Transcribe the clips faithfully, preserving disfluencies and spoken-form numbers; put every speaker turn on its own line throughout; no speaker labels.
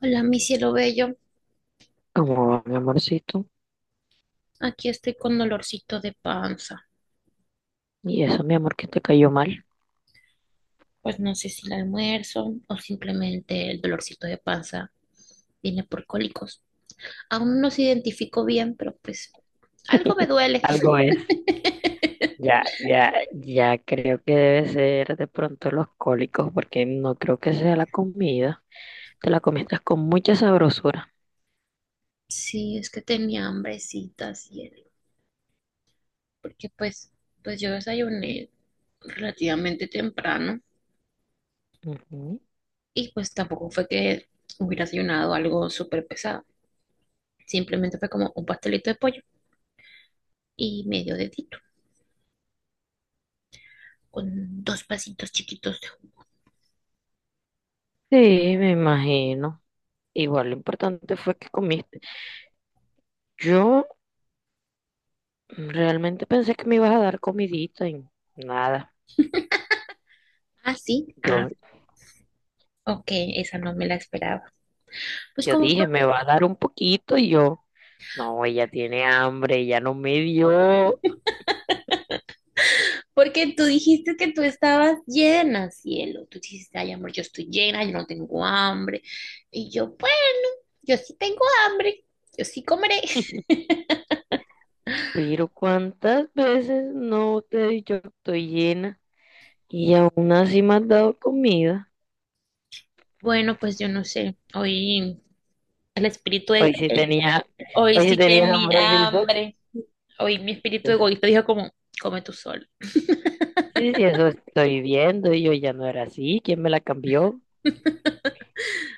Hola, mi cielo bello.
Como mi amorcito.
Aquí estoy con dolorcito de panza.
Y eso, mi amor, que te cayó mal.
Pues no sé si el almuerzo o simplemente el dolorcito de panza viene por cólicos. Aún no se identifico bien, pero pues algo me duele.
Algo es. Ya, ya, ya creo que debe ser de pronto los cólicos, porque no creo que sea la comida. Te la comiste con mucha sabrosura.
Sí, es que tenía hambrecita, cielo. Porque pues, pues yo desayuné relativamente temprano
Ujú.
y pues tampoco fue que hubiera desayunado algo súper pesado. Simplemente fue como un pastelito de pollo y medio dedito, con dos pasitos chiquitos de.
Sí, me imagino. Igual lo importante fue que comiste. Yo realmente pensé que me ibas a dar comidita y nada.
Ah, sí.
Yo,
Ah, ok, esa no me la esperaba. Pues
yo
como tú,
dije, me va a dar un poquito y yo, no, ella tiene hambre, ella no me dio.
porque tú dijiste que tú estabas llena, cielo. Tú dijiste, ay, amor, yo estoy llena, yo no tengo hambre. Y yo, pues, yo sí tengo hambre, yo sí comeré.
Pero ¿cuántas veces no te he dicho que estoy llena y aún así me has dado comida?
Bueno, pues yo no sé, hoy el espíritu de...
Hoy sí
eh,
tenía,
hoy
hoy sí
sí
tenía
tenía
hambrecito.
hambre. Hoy mi
Sí,
espíritu
sí,
egoísta dijo como, come tú solo.
sí, sí, eso estoy viendo y yo ya no era así. ¿Quién me la cambió?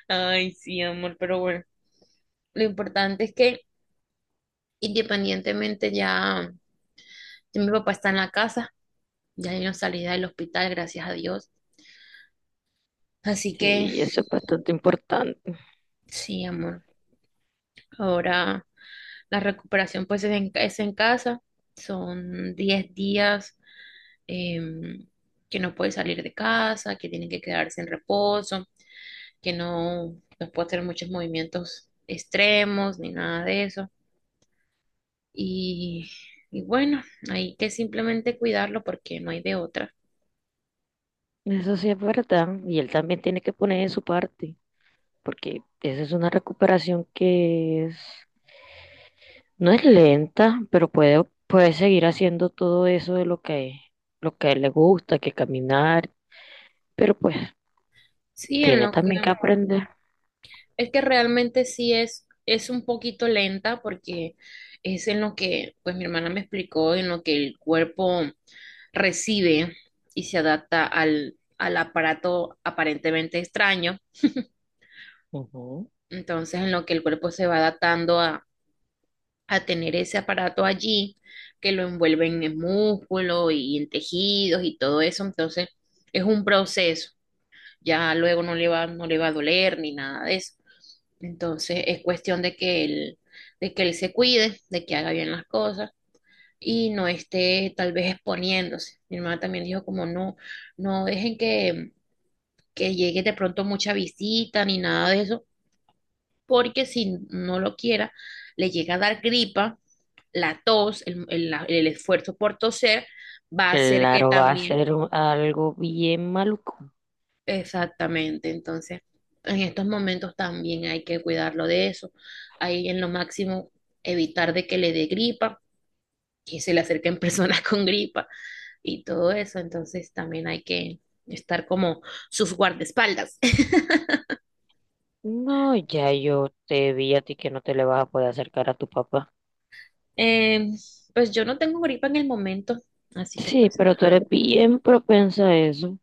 Ay, sí, amor, pero bueno, lo importante es que independientemente ya, ya mi papá está en la casa, ya yo no salí del hospital, gracias a Dios. Así que
Sí, eso es bastante importante.
sí, amor. Ahora la recuperación pues es en, es en casa. Son diez días em, que no puede salir de casa, que tiene que quedarse en reposo, que no, no puede hacer muchos movimientos extremos ni nada de eso. Y, y bueno, hay que simplemente cuidarlo porque no hay de otra.
Eso sí es verdad. Y él también tiene que poner de su parte, porque esa es una recuperación que es, no es lenta, pero puede, puede seguir haciendo todo eso de lo que, lo que a él le gusta, que caminar. Pero pues
Sí, en
tiene
lo
también que
que...
aprender.
Es que realmente sí es, es un poquito lenta porque es en lo que, pues mi hermana me explicó, en lo que el cuerpo recibe y se adapta al, al aparato aparentemente extraño.
Ujú.
Entonces, en lo que el cuerpo se va adaptando a, a tener ese aparato allí, que lo envuelven en músculo y en tejidos y todo eso. Entonces, es un proceso. Ya luego no le va, no le va a doler ni nada de eso. Entonces es cuestión de que él, de que él se cuide, de que haga bien las cosas y no esté tal vez exponiéndose. Mi hermana también dijo como no, no dejen que, que llegue de pronto mucha visita ni nada de eso, porque si no lo quiera, le llega a dar gripa, la tos, el, el- la- el esfuerzo por toser, va a hacer que.
Claro,
Claro,
va a
también,
ser un- algo bien maluco.
exactamente, entonces en estos momentos también hay que cuidarlo de eso. Hay en lo máximo evitar de que le dé gripa, que se le acerquen personas con gripa y todo eso, entonces también hay que estar como sus guardaespaldas.
No, ya yo te vi a ti que no te le vas a poder acercar a tu papá.
Eh, pues yo no tengo gripa en el momento, así que
Sí,
pues ah,
pero tú eres bien propensa a eso.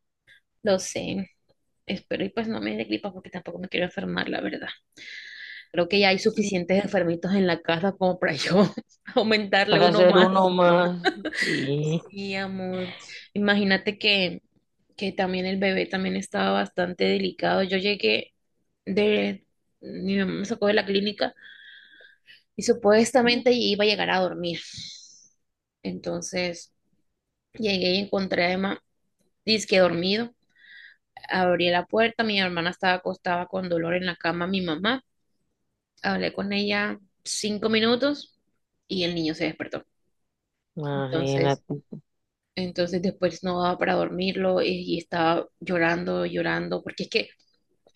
lo sé. Espero y pues no me dé gripa porque tampoco me quiero enfermar, la verdad. Creo que ya hay suficientes enfermitos en la casa como para yo aumentarle
Para
uno
ser
más.
uno más. Sí,
Sí, amor. Imagínate que, que también el bebé también estaba bastante delicado. Yo llegué de, mi mamá me sacó de la clínica y supuestamente iba a llegar a dormir. Entonces llegué y encontré a Emma, dizque dormido. Abrí la puerta, mi hermana estaba acostada con dolor en la cama, mi mamá. Hablé con ella cinco minutos y el niño se despertó. Entonces,
imagínate.
Entonces después no daba para dormirlo, eh, y estaba llorando, llorando, porque es que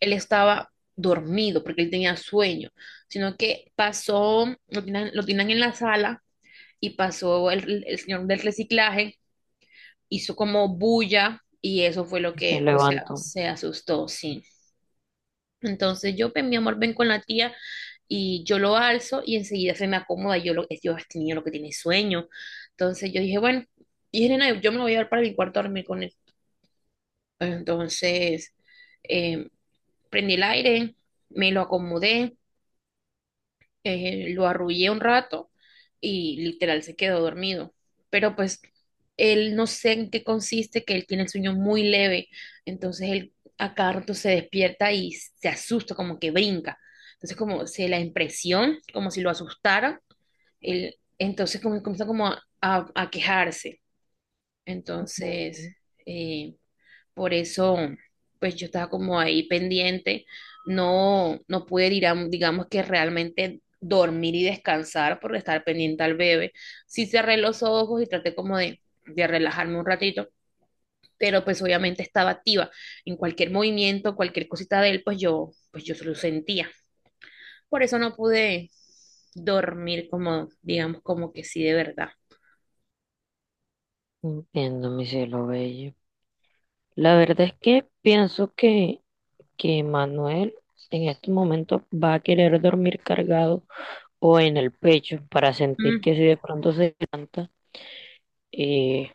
él estaba dormido, porque él tenía sueño, sino que pasó, lo tenían, lo tenían en la sala y pasó el, el señor del reciclaje, hizo como bulla y eso fue lo
Se
que pues se,
levantó.
se asustó, sí. Entonces yo, pues, mi amor, ven con la tía y yo lo alzo y enseguida se me acomoda, yo, lo, yo este niño lo que tiene es sueño. Entonces yo dije, bueno, y dije, nena, yo me lo voy a llevar para mi cuarto a dormir con él. Entonces, eh, prendí el aire, me lo acomodé, eh, lo arrullé un rato y literal se quedó dormido. Pero pues él no sé en qué consiste, que él tiene el sueño muy leve, entonces él a cada rato se despierta y se asusta, como que brinca. Entonces como se la impresión, como si lo asustara, él entonces como, comienza como a, a- a quejarse. Entonces...
Ujú.
eh, por eso, pues yo estaba como ahí pendiente, no, no pude, dirá- digamos que realmente dormir y descansar por estar pendiente al bebé. Sí cerré los ojos y traté como de, de relajarme un ratito, pero pues obviamente estaba activa. En cualquier movimiento, cualquier cosita de él, pues yo, pues yo se lo sentía. Por eso no pude dormir como, digamos, como que sí de verdad.
Entiendo, mi cielo bello. La verdad es que pienso que, que Manuel en este momento va a querer dormir cargado o en el pecho para sentir
Mm,
que si de pronto se levanta, eh,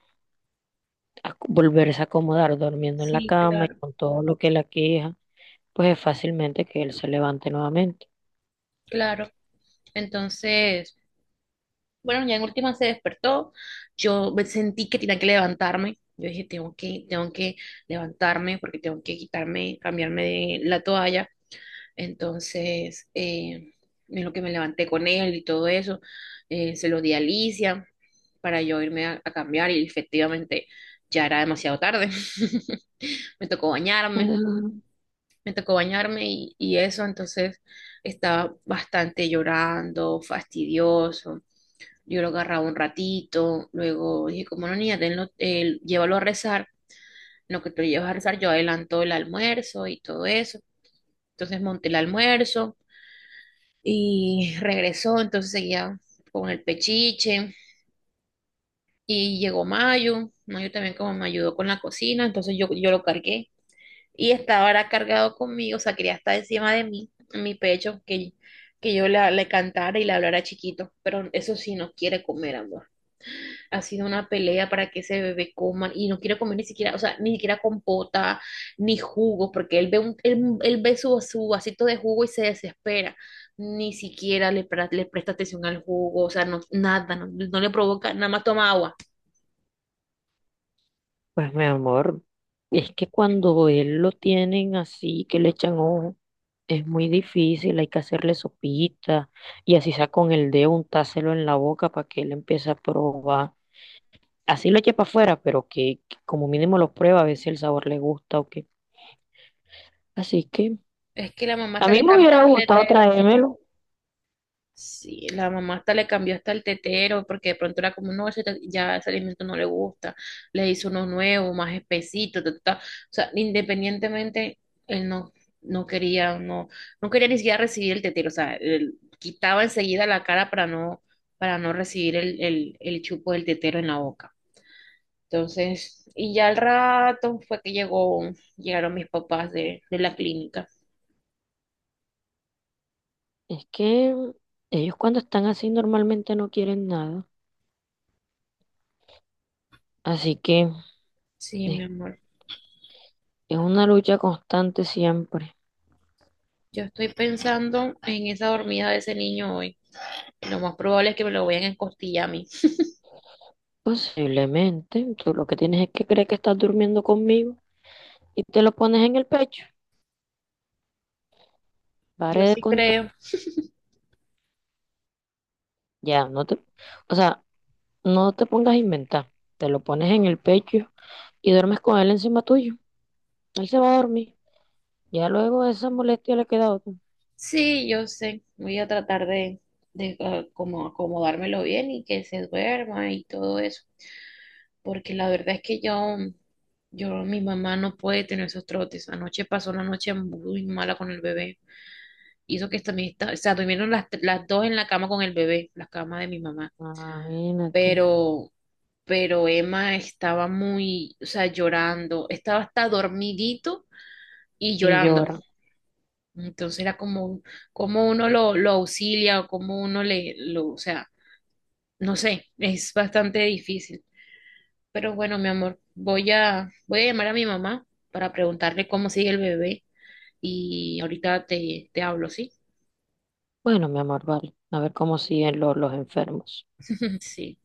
a- volverse a acomodar durmiendo en la
sí,
cama y
claro,
con todo lo que la queja, pues es fácilmente que él se levante nuevamente.
claro. Entonces... Bueno, ya en última se despertó. Yo me sentí que tenía que levantarme. Yo dije, tengo que, tengo que levantarme porque tengo que quitarme, cambiarme de la toalla. Entonces, eh, en lo que me levanté con él y todo eso, eh, se lo di a Alicia para yo irme a, a cambiar y efectivamente ya era demasiado tarde. Me tocó bañarme,
Ah,
me tocó bañarme y, y eso, entonces estaba bastante llorando, fastidioso. Yo lo agarraba un ratito, luego dije, como no, niña, tenlo, eh, llévalo a rezar. En lo que tú lo llevas a rezar, yo adelanto el almuerzo y todo eso. Entonces monté el almuerzo y regresó, entonces seguía con el pechiche y llegó Mayo. Mayo también como me ayudó con la cocina, entonces yo, yo lo cargué y estaba ahora cargado conmigo, o sea, quería estar encima de mí, en mi pecho, que, que yo la- le cantara y le hablara chiquito, pero eso sí no quiere comer, amor. Ha sido una pelea para que ese bebé coma y no quiere comer ni siquiera, o sea, ni siquiera compota, ni jugo, porque él ve, un, él, él ve su, su vasito de jugo y se desespera. Ni siquiera le, pre- le presta atención al jugo, o sea, no, nada, no, no le provoca, nada más toma agua.
pues mi amor, es que cuando él lo tienen así, que le echan ojo, es muy difícil, hay que hacerle sopita y así sea con el dedo untárselo en la boca para que él empiece a probar. Así lo eche para afuera, pero que, que como mínimo lo prueba a ver si el sabor le gusta o qué. Así que
Es que la mamá
a
hasta
mí
le
me
cambió
hubiera
el
gustado
tetero.
traérmelo.
Sí, la mamá hasta le cambió hasta el tetero, porque de pronto era como, no, ese te- ya ese alimento no le gusta, le hizo uno nuevo, más espesito, ta, ta, ta. O sea, independientemente, él no, no quería, no, no quería ni siquiera recibir el tetero, o sea, él quitaba enseguida la cara para no, para no recibir el, el, el chupo del tetero en la boca. Entonces, y ya al rato fue que llegó, llegaron mis papás de, de la clínica.
Es que ellos cuando están así normalmente no quieren nada. Así que
Sí, mi
eh,
amor.
es una lucha constante siempre.
Yo estoy pensando en esa dormida de ese niño hoy. Lo más probable es que me lo vayan a encostillar a mí.
Posiblemente, tú lo que tienes es que creer que estás durmiendo conmigo y te lo pones en el pecho.
Yo
Pare de
sí
contar.
creo.
Ya, no te, o sea, no te pongas a inventar. Te lo pones en el pecho y duermes con él encima tuyo. Él se va a dormir. Ya luego esa molestia le queda a otro.
Sí, yo sé. Voy a tratar de, de ah, como acomodármelo bien y que se duerma y todo eso. Porque la verdad es que yo, yo, mi mamá no puede tener esos trotes. Anoche pasó una noche muy mala con el bebé. Hizo que también está, o sea, durmieron las, las dos en la cama con el bebé, la cama de mi mamá.
Imagínate.
Pero, pero Emma estaba muy, o sea, llorando. Estaba hasta dormidito y
Y
llorando.
llora.
Entonces era como, como uno lo, lo auxilia o como uno le, lo, o sea, no sé, es bastante difícil. Pero bueno, mi amor, voy a, voy a llamar a mi mamá para preguntarle cómo sigue el bebé y ahorita te, te hablo, ¿sí?
Bueno, mi amor, vale. A ver cómo siguen los, los enfermos.
Sí.